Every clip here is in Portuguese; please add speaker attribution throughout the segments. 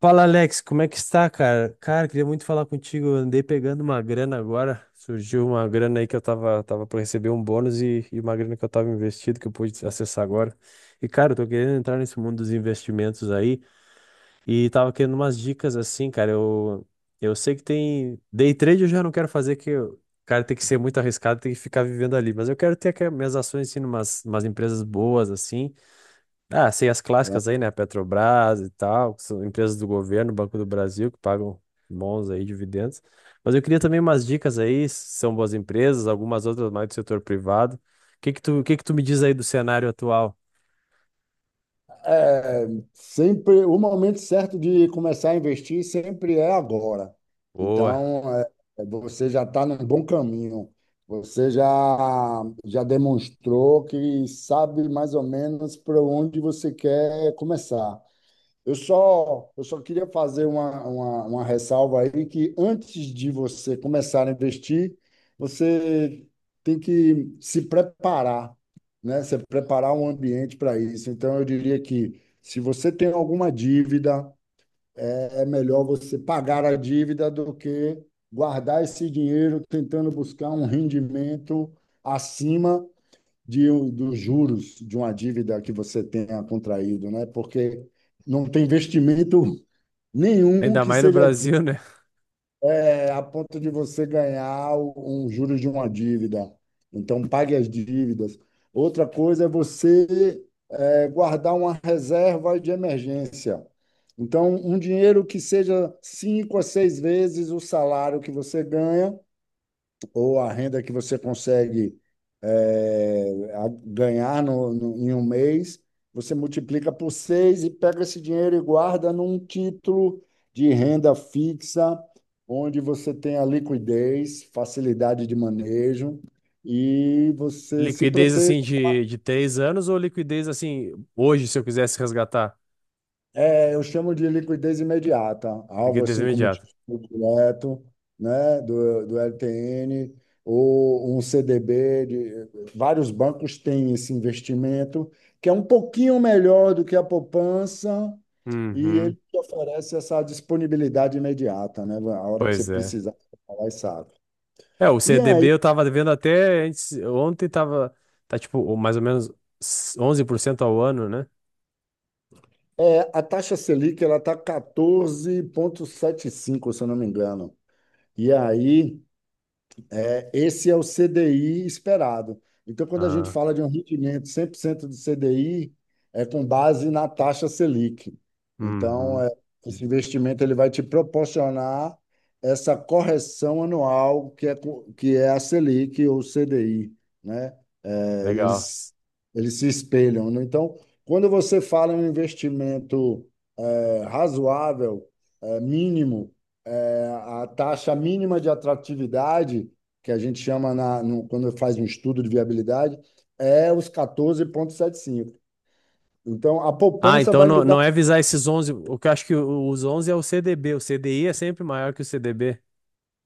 Speaker 1: Fala Alex, como é que está, cara? Cara, queria muito falar contigo. Eu andei pegando uma grana agora. Surgiu uma grana aí que eu tava para receber um bônus e uma grana que eu tava investido que eu pude acessar agora. E, cara, eu tô querendo entrar nesse mundo dos investimentos aí e tava querendo umas dicas assim, cara. Eu sei que tem. Day trade eu já não quero fazer, cara, tem que ser muito arriscado, tem que ficar vivendo ali. Mas eu quero ter aquelas minhas ações assim, em umas empresas boas assim. Ah, sei as clássicas aí, né? Petrobras e tal, que são empresas do governo, Banco do Brasil, que pagam bons aí dividendos. Mas eu queria também umas dicas aí, se são boas empresas, algumas outras mais do setor privado. O que que tu me diz aí do cenário atual?
Speaker 2: É, sempre o momento certo de começar a investir sempre é agora.
Speaker 1: Boa.
Speaker 2: Então, você já está num bom caminho. Você já demonstrou que sabe mais ou menos para onde você quer começar. Eu só queria fazer uma ressalva aí que antes de você começar a investir, você tem que se preparar, né? Se preparar um ambiente para isso. Então, eu diria que se você tem alguma dívida, é melhor você pagar a dívida do que guardar esse dinheiro tentando buscar um rendimento acima dos juros de uma dívida que você tenha contraído, né? Porque não tem investimento nenhum
Speaker 1: Ainda
Speaker 2: que
Speaker 1: mais no
Speaker 2: seja
Speaker 1: Brasil, né?
Speaker 2: a ponto de você ganhar um juros de uma dívida. Então, pague as dívidas. Outra coisa é você guardar uma reserva de emergência. Então, um dinheiro que seja 5 a 6 vezes o salário que você ganha ou a renda que você consegue ganhar em 1 mês, você multiplica por 6 e pega esse dinheiro e guarda num título de renda fixa, onde você tem a liquidez, facilidade de manejo e você se
Speaker 1: Liquidez
Speaker 2: protege.
Speaker 1: assim de 3 anos ou liquidez assim hoje, se eu quisesse resgatar?
Speaker 2: Eu chamo de liquidez imediata, algo
Speaker 1: Liquidez
Speaker 2: assim como
Speaker 1: imediata.
Speaker 2: título direto, né, do LTN, ou um CDB. De, vários bancos têm esse investimento, que é um pouquinho melhor do que a poupança, e ele
Speaker 1: Uhum.
Speaker 2: te oferece essa disponibilidade imediata, né? A hora que você
Speaker 1: Pois é.
Speaker 2: precisar, você vai lá e sabe.
Speaker 1: É, o
Speaker 2: E
Speaker 1: CDB
Speaker 2: aí,
Speaker 1: eu tava devendo até ontem tá tipo mais ou menos 11% ao ano, né?
Speaker 2: a taxa Selic, ela está 14,75 se eu não me engano. E aí. Esse é o CDI esperado. Então, quando a gente
Speaker 1: Ah,
Speaker 2: fala de um rendimento 100% de CDI, é com base na taxa Selic. Então,
Speaker 1: uhum,
Speaker 2: é, esse investimento ele vai te proporcionar essa correção anual que é, que é a Selic ou CDI, né? É,
Speaker 1: legal.
Speaker 2: eles, eles se espelham. Né? Então, quando você fala em um investimento razoável, mínimo, a taxa mínima de atratividade que a gente chama, na, no, quando faz um estudo de viabilidade, é os 14,75. Então, a
Speaker 1: Ah,
Speaker 2: poupança
Speaker 1: então
Speaker 2: vai lhe
Speaker 1: não,
Speaker 2: dar.
Speaker 1: não é visar esses onze, o que eu acho que os 11 é o CDB, o CDI é sempre maior que o CDB.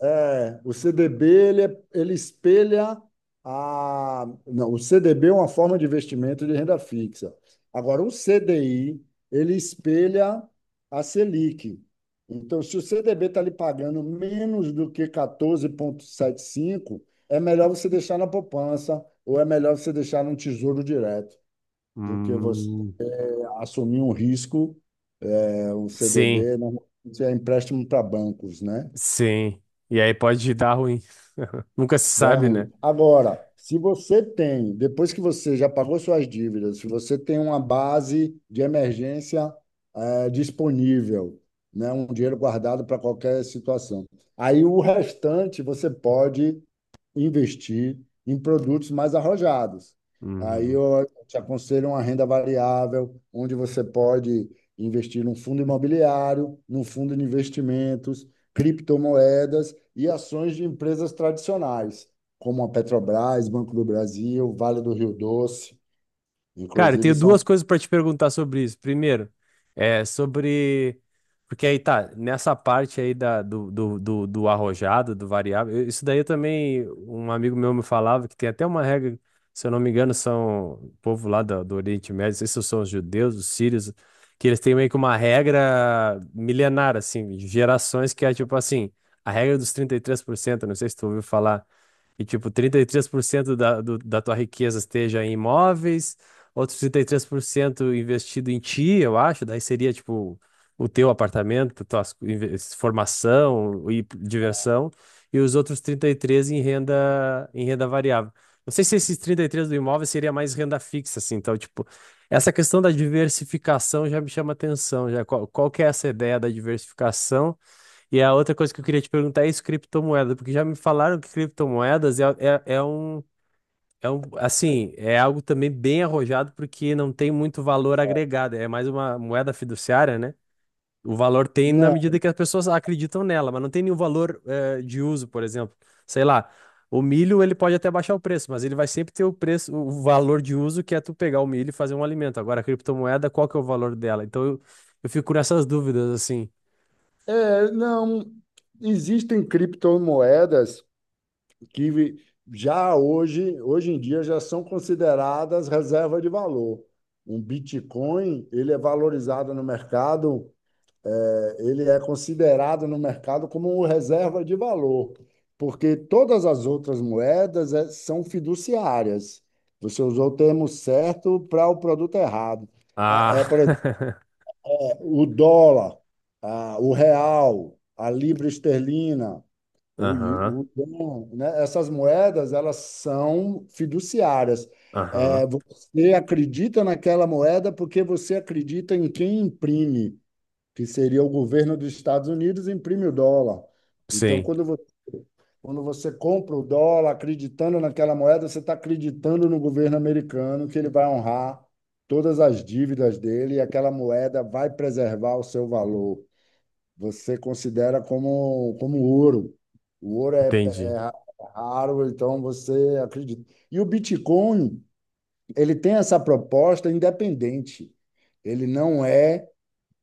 Speaker 2: O CDB, ele espelha a. Não, o CDB é uma forma de investimento de renda fixa. Agora, o CDI, ele espelha a Selic. Então, se o CDB está lhe pagando menos do que 14,75, é melhor você deixar na poupança ou é melhor você deixar num tesouro direto do que você
Speaker 1: Hum,
Speaker 2: assumir um risco, o
Speaker 1: sim,
Speaker 2: CDB normalmente é empréstimo para bancos, né?
Speaker 1: sim. E aí pode dar ruim. Nunca se
Speaker 2: Dá
Speaker 1: sabe, né?
Speaker 2: ruim. Agora, se você tem, depois que você já pagou suas dívidas, se você tem uma base de emergência disponível, né, um dinheiro guardado para qualquer situação, aí o restante você pode investir em produtos mais arrojados. Aí
Speaker 1: Uhum.
Speaker 2: eu te aconselho uma renda variável, onde você pode investir num fundo imobiliário, num fundo de investimentos, criptomoedas e ações de empresas tradicionais, como a Petrobras, Banco do Brasil, Vale do Rio Doce.
Speaker 1: Cara, eu tenho
Speaker 2: Inclusive, são.
Speaker 1: duas coisas pra te perguntar sobre isso. Primeiro, é sobre. Porque aí tá, nessa parte aí da, do, do, do, do arrojado, do variável, isso daí eu também, um amigo meu me falava que tem até uma regra, se eu não me engano, são o povo lá do Oriente Médio, não sei se são os judeus, os sírios, que eles têm meio que uma regra milenar, assim, de gerações, que é tipo assim, a regra dos 33%. Não sei se tu ouviu falar. E, tipo, 33% da tua riqueza esteja em imóveis, outros 33% investido em ti, eu acho, daí seria tipo o teu apartamento, tua formação e diversão, e os outros 33 em renda variável. Não sei se esses 33 do imóvel seria mais renda fixa, assim, então, tipo, essa questão da diversificação já me chama atenção. Já qual que é essa ideia da diversificação? E a outra coisa que eu queria te perguntar é isso, criptomoeda, porque já me falaram que criptomoedas assim, é algo também bem arrojado, porque não tem muito valor agregado. É mais uma moeda fiduciária, né? O valor tem na
Speaker 2: Não,
Speaker 1: medida que as pessoas acreditam nela, mas não tem nenhum valor, de uso, por exemplo. Sei lá, o milho ele pode até baixar o preço, mas ele vai sempre ter o preço, o valor de uso, que é tu pegar o milho e fazer um alimento. Agora, a criptomoeda, qual que é o valor dela? Então eu fico nessas dúvidas, assim.
Speaker 2: não. Existem criptomoedas que já hoje, hoje em dia já são consideradas reserva de valor. Um Bitcoin, ele é valorizado no mercado, ele é considerado no mercado como reserva de valor, porque todas as outras moedas são fiduciárias. Você usou o termo certo para o produto errado.
Speaker 1: Ah,
Speaker 2: Por exemplo, o dólar, ah, o real, a libra esterlina,
Speaker 1: aham,
Speaker 2: o, dom, né? Essas moedas, elas são fiduciárias.
Speaker 1: aham.
Speaker 2: Você acredita naquela moeda porque você acredita em quem imprime, que seria o governo dos Estados Unidos, imprime o dólar. Então,
Speaker 1: Sim,
Speaker 2: quando você compra o dólar acreditando naquela moeda, você está acreditando no governo americano que ele vai honrar todas as dívidas dele e aquela moeda vai preservar o seu valor, você considera como, como ouro. O ouro é,
Speaker 1: entendi.
Speaker 2: é raro, então você acredita. E o Bitcoin, ele tem essa proposta independente. Ele não é,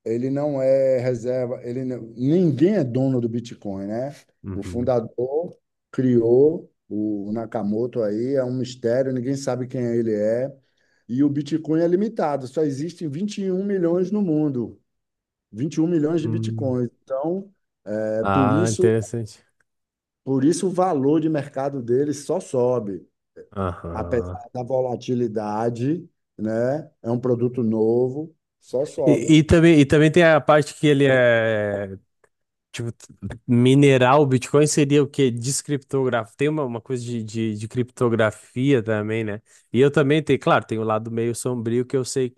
Speaker 2: ele não é reserva, ele não- ninguém é dono do Bitcoin, né? O
Speaker 1: Uhum.
Speaker 2: fundador criou o Nakamoto aí, é um mistério, ninguém sabe quem ele é. E o Bitcoin é limitado, só existem 21 milhões no mundo, 21 milhões de
Speaker 1: Hum.
Speaker 2: Bitcoins. Então, é, por
Speaker 1: Ah,
Speaker 2: isso
Speaker 1: interessante.
Speaker 2: por isso o valor de mercado dele só sobe,
Speaker 1: Aham.
Speaker 2: apesar da volatilidade, né? É um produto novo, só sobe.
Speaker 1: E também tem a parte que ele é, tipo, mineral. O Bitcoin seria o quê? Descriptografia. Tem uma coisa de criptografia também, né? E eu também tenho, claro, tem o lado meio sombrio, que eu sei.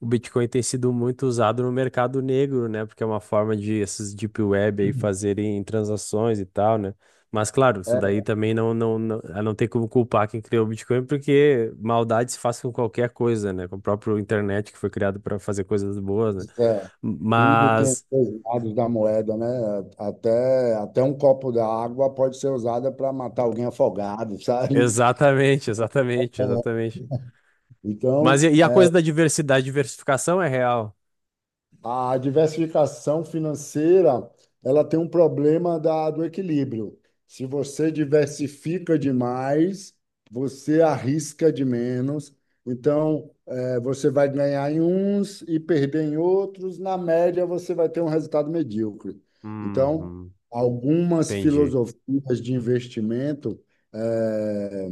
Speaker 1: O Bitcoin tem sido muito usado no mercado negro, né? Porque é uma forma de esses deep web aí fazerem transações e tal, né? Mas claro, isso
Speaker 2: É,
Speaker 1: daí também não tem como culpar quem criou o Bitcoin, porque maldade se faz com qualquer coisa, né? Com o próprio internet, que foi criado para fazer coisas boas, né?
Speaker 2: é, tudo tem
Speaker 1: Mas
Speaker 2: os lados da moeda, né? Até um copo d'água pode ser usada para matar alguém afogado, sabe?
Speaker 1: exatamente, exatamente,
Speaker 2: É,
Speaker 1: exatamente. Mas
Speaker 2: Então,
Speaker 1: e a coisa da diversidade, diversificação é real.
Speaker 2: a diversificação financeira, ela tem um problema do equilíbrio. Se você diversifica demais, você arrisca de menos. Então, você vai ganhar em uns e perder em outros. Na média, você vai ter um resultado medíocre. Então,
Speaker 1: Uhum,
Speaker 2: algumas
Speaker 1: entendi.
Speaker 2: filosofias de investimento eh,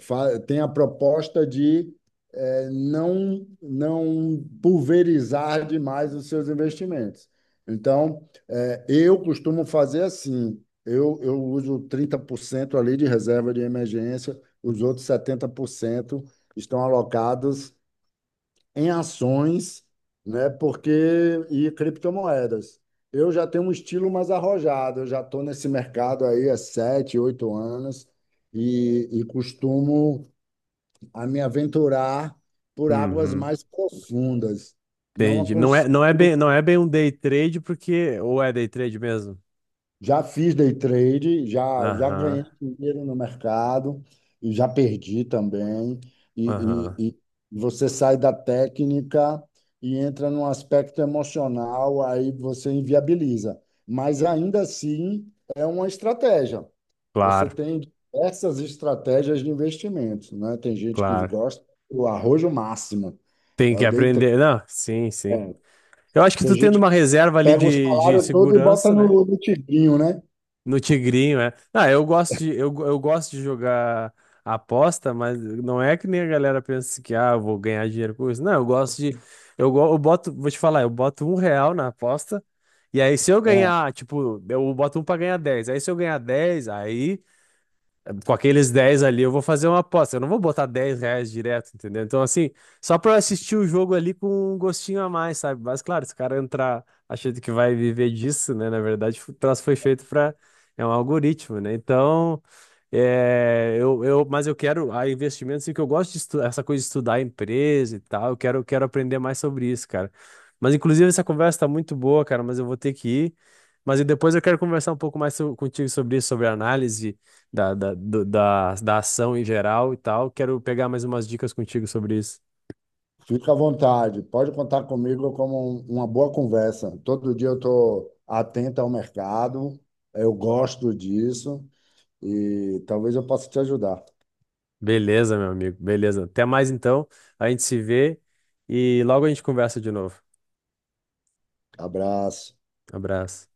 Speaker 2: têm a proposta de não pulverizar demais os seus investimentos. Então, eu costumo fazer assim, eu uso 30% ali de reserva de emergência, os outros 70% estão alocados em ações, né, porque e criptomoedas. Eu já tenho um estilo mais arrojado, eu já estou nesse mercado aí há 7, 8 anos e costumo a me aventurar por águas
Speaker 1: Uhum.
Speaker 2: mais profundas. Não
Speaker 1: Entendi. Não é,
Speaker 2: aconse-
Speaker 1: não é bem, não é bem um day trade, porque ou é day trade mesmo?
Speaker 2: Já fiz day trade, já
Speaker 1: Aham.
Speaker 2: ganhei dinheiro no mercado e já perdi também. E,
Speaker 1: Aham.
Speaker 2: e, e você sai da técnica e entra num aspecto emocional, aí você inviabiliza. Mas ainda assim é uma estratégia. Você
Speaker 1: Claro,
Speaker 2: tem diversas estratégias de investimentos, né? Tem gente que
Speaker 1: claro.
Speaker 2: gosta do arrojo máximo,
Speaker 1: Tem
Speaker 2: é
Speaker 1: que
Speaker 2: o day trade.
Speaker 1: aprender. Não, sim, sim.
Speaker 2: é,
Speaker 1: Eu acho que
Speaker 2: Tem
Speaker 1: tu tendo
Speaker 2: gente que
Speaker 1: uma reserva ali
Speaker 2: pega o
Speaker 1: de
Speaker 2: salário todo e bota
Speaker 1: segurança,
Speaker 2: no,
Speaker 1: né?
Speaker 2: no tigrinho, né?
Speaker 1: No tigrinho, é. Ah, eu gosto de jogar aposta, mas não é que nem a galera pensa, que ah, eu vou ganhar dinheiro com isso. Não, eu gosto de eu, go- eu boto, vou te falar, eu boto um real na aposta. E aí, se eu
Speaker 2: É,
Speaker 1: ganhar, tipo, eu boto um pra ganhar dez. Aí, se eu ganhar dez, aí, com aqueles 10 ali, eu vou fazer uma aposta. Eu não vou botar 10 reais direto, entendeu? Então, assim, só pra eu assistir o jogo ali com um gostinho a mais, sabe? Mas, claro, se o cara entrar achando que vai viver disso, né? Na verdade, o troço foi feito pra. É um algoritmo, né? Então, é, mas eu quero a investimento, assim, que eu gosto de estudar, essa coisa de estudar a empresa e tal. Eu quero aprender mais sobre isso, cara. Mas, inclusive, essa conversa tá muito boa, cara, mas eu vou ter que ir. Mas e depois eu quero conversar um pouco mais contigo sobre isso, sobre análise da ação em geral e tal. Quero pegar mais umas dicas contigo sobre isso.
Speaker 2: fica à vontade. Pode contar comigo como uma boa conversa. Todo dia eu estou atento ao mercado, eu gosto disso e talvez eu possa te ajudar.
Speaker 1: Beleza, meu amigo, beleza. Até mais, então. A gente se vê e logo a gente conversa de novo.
Speaker 2: Abraço.
Speaker 1: Abraço.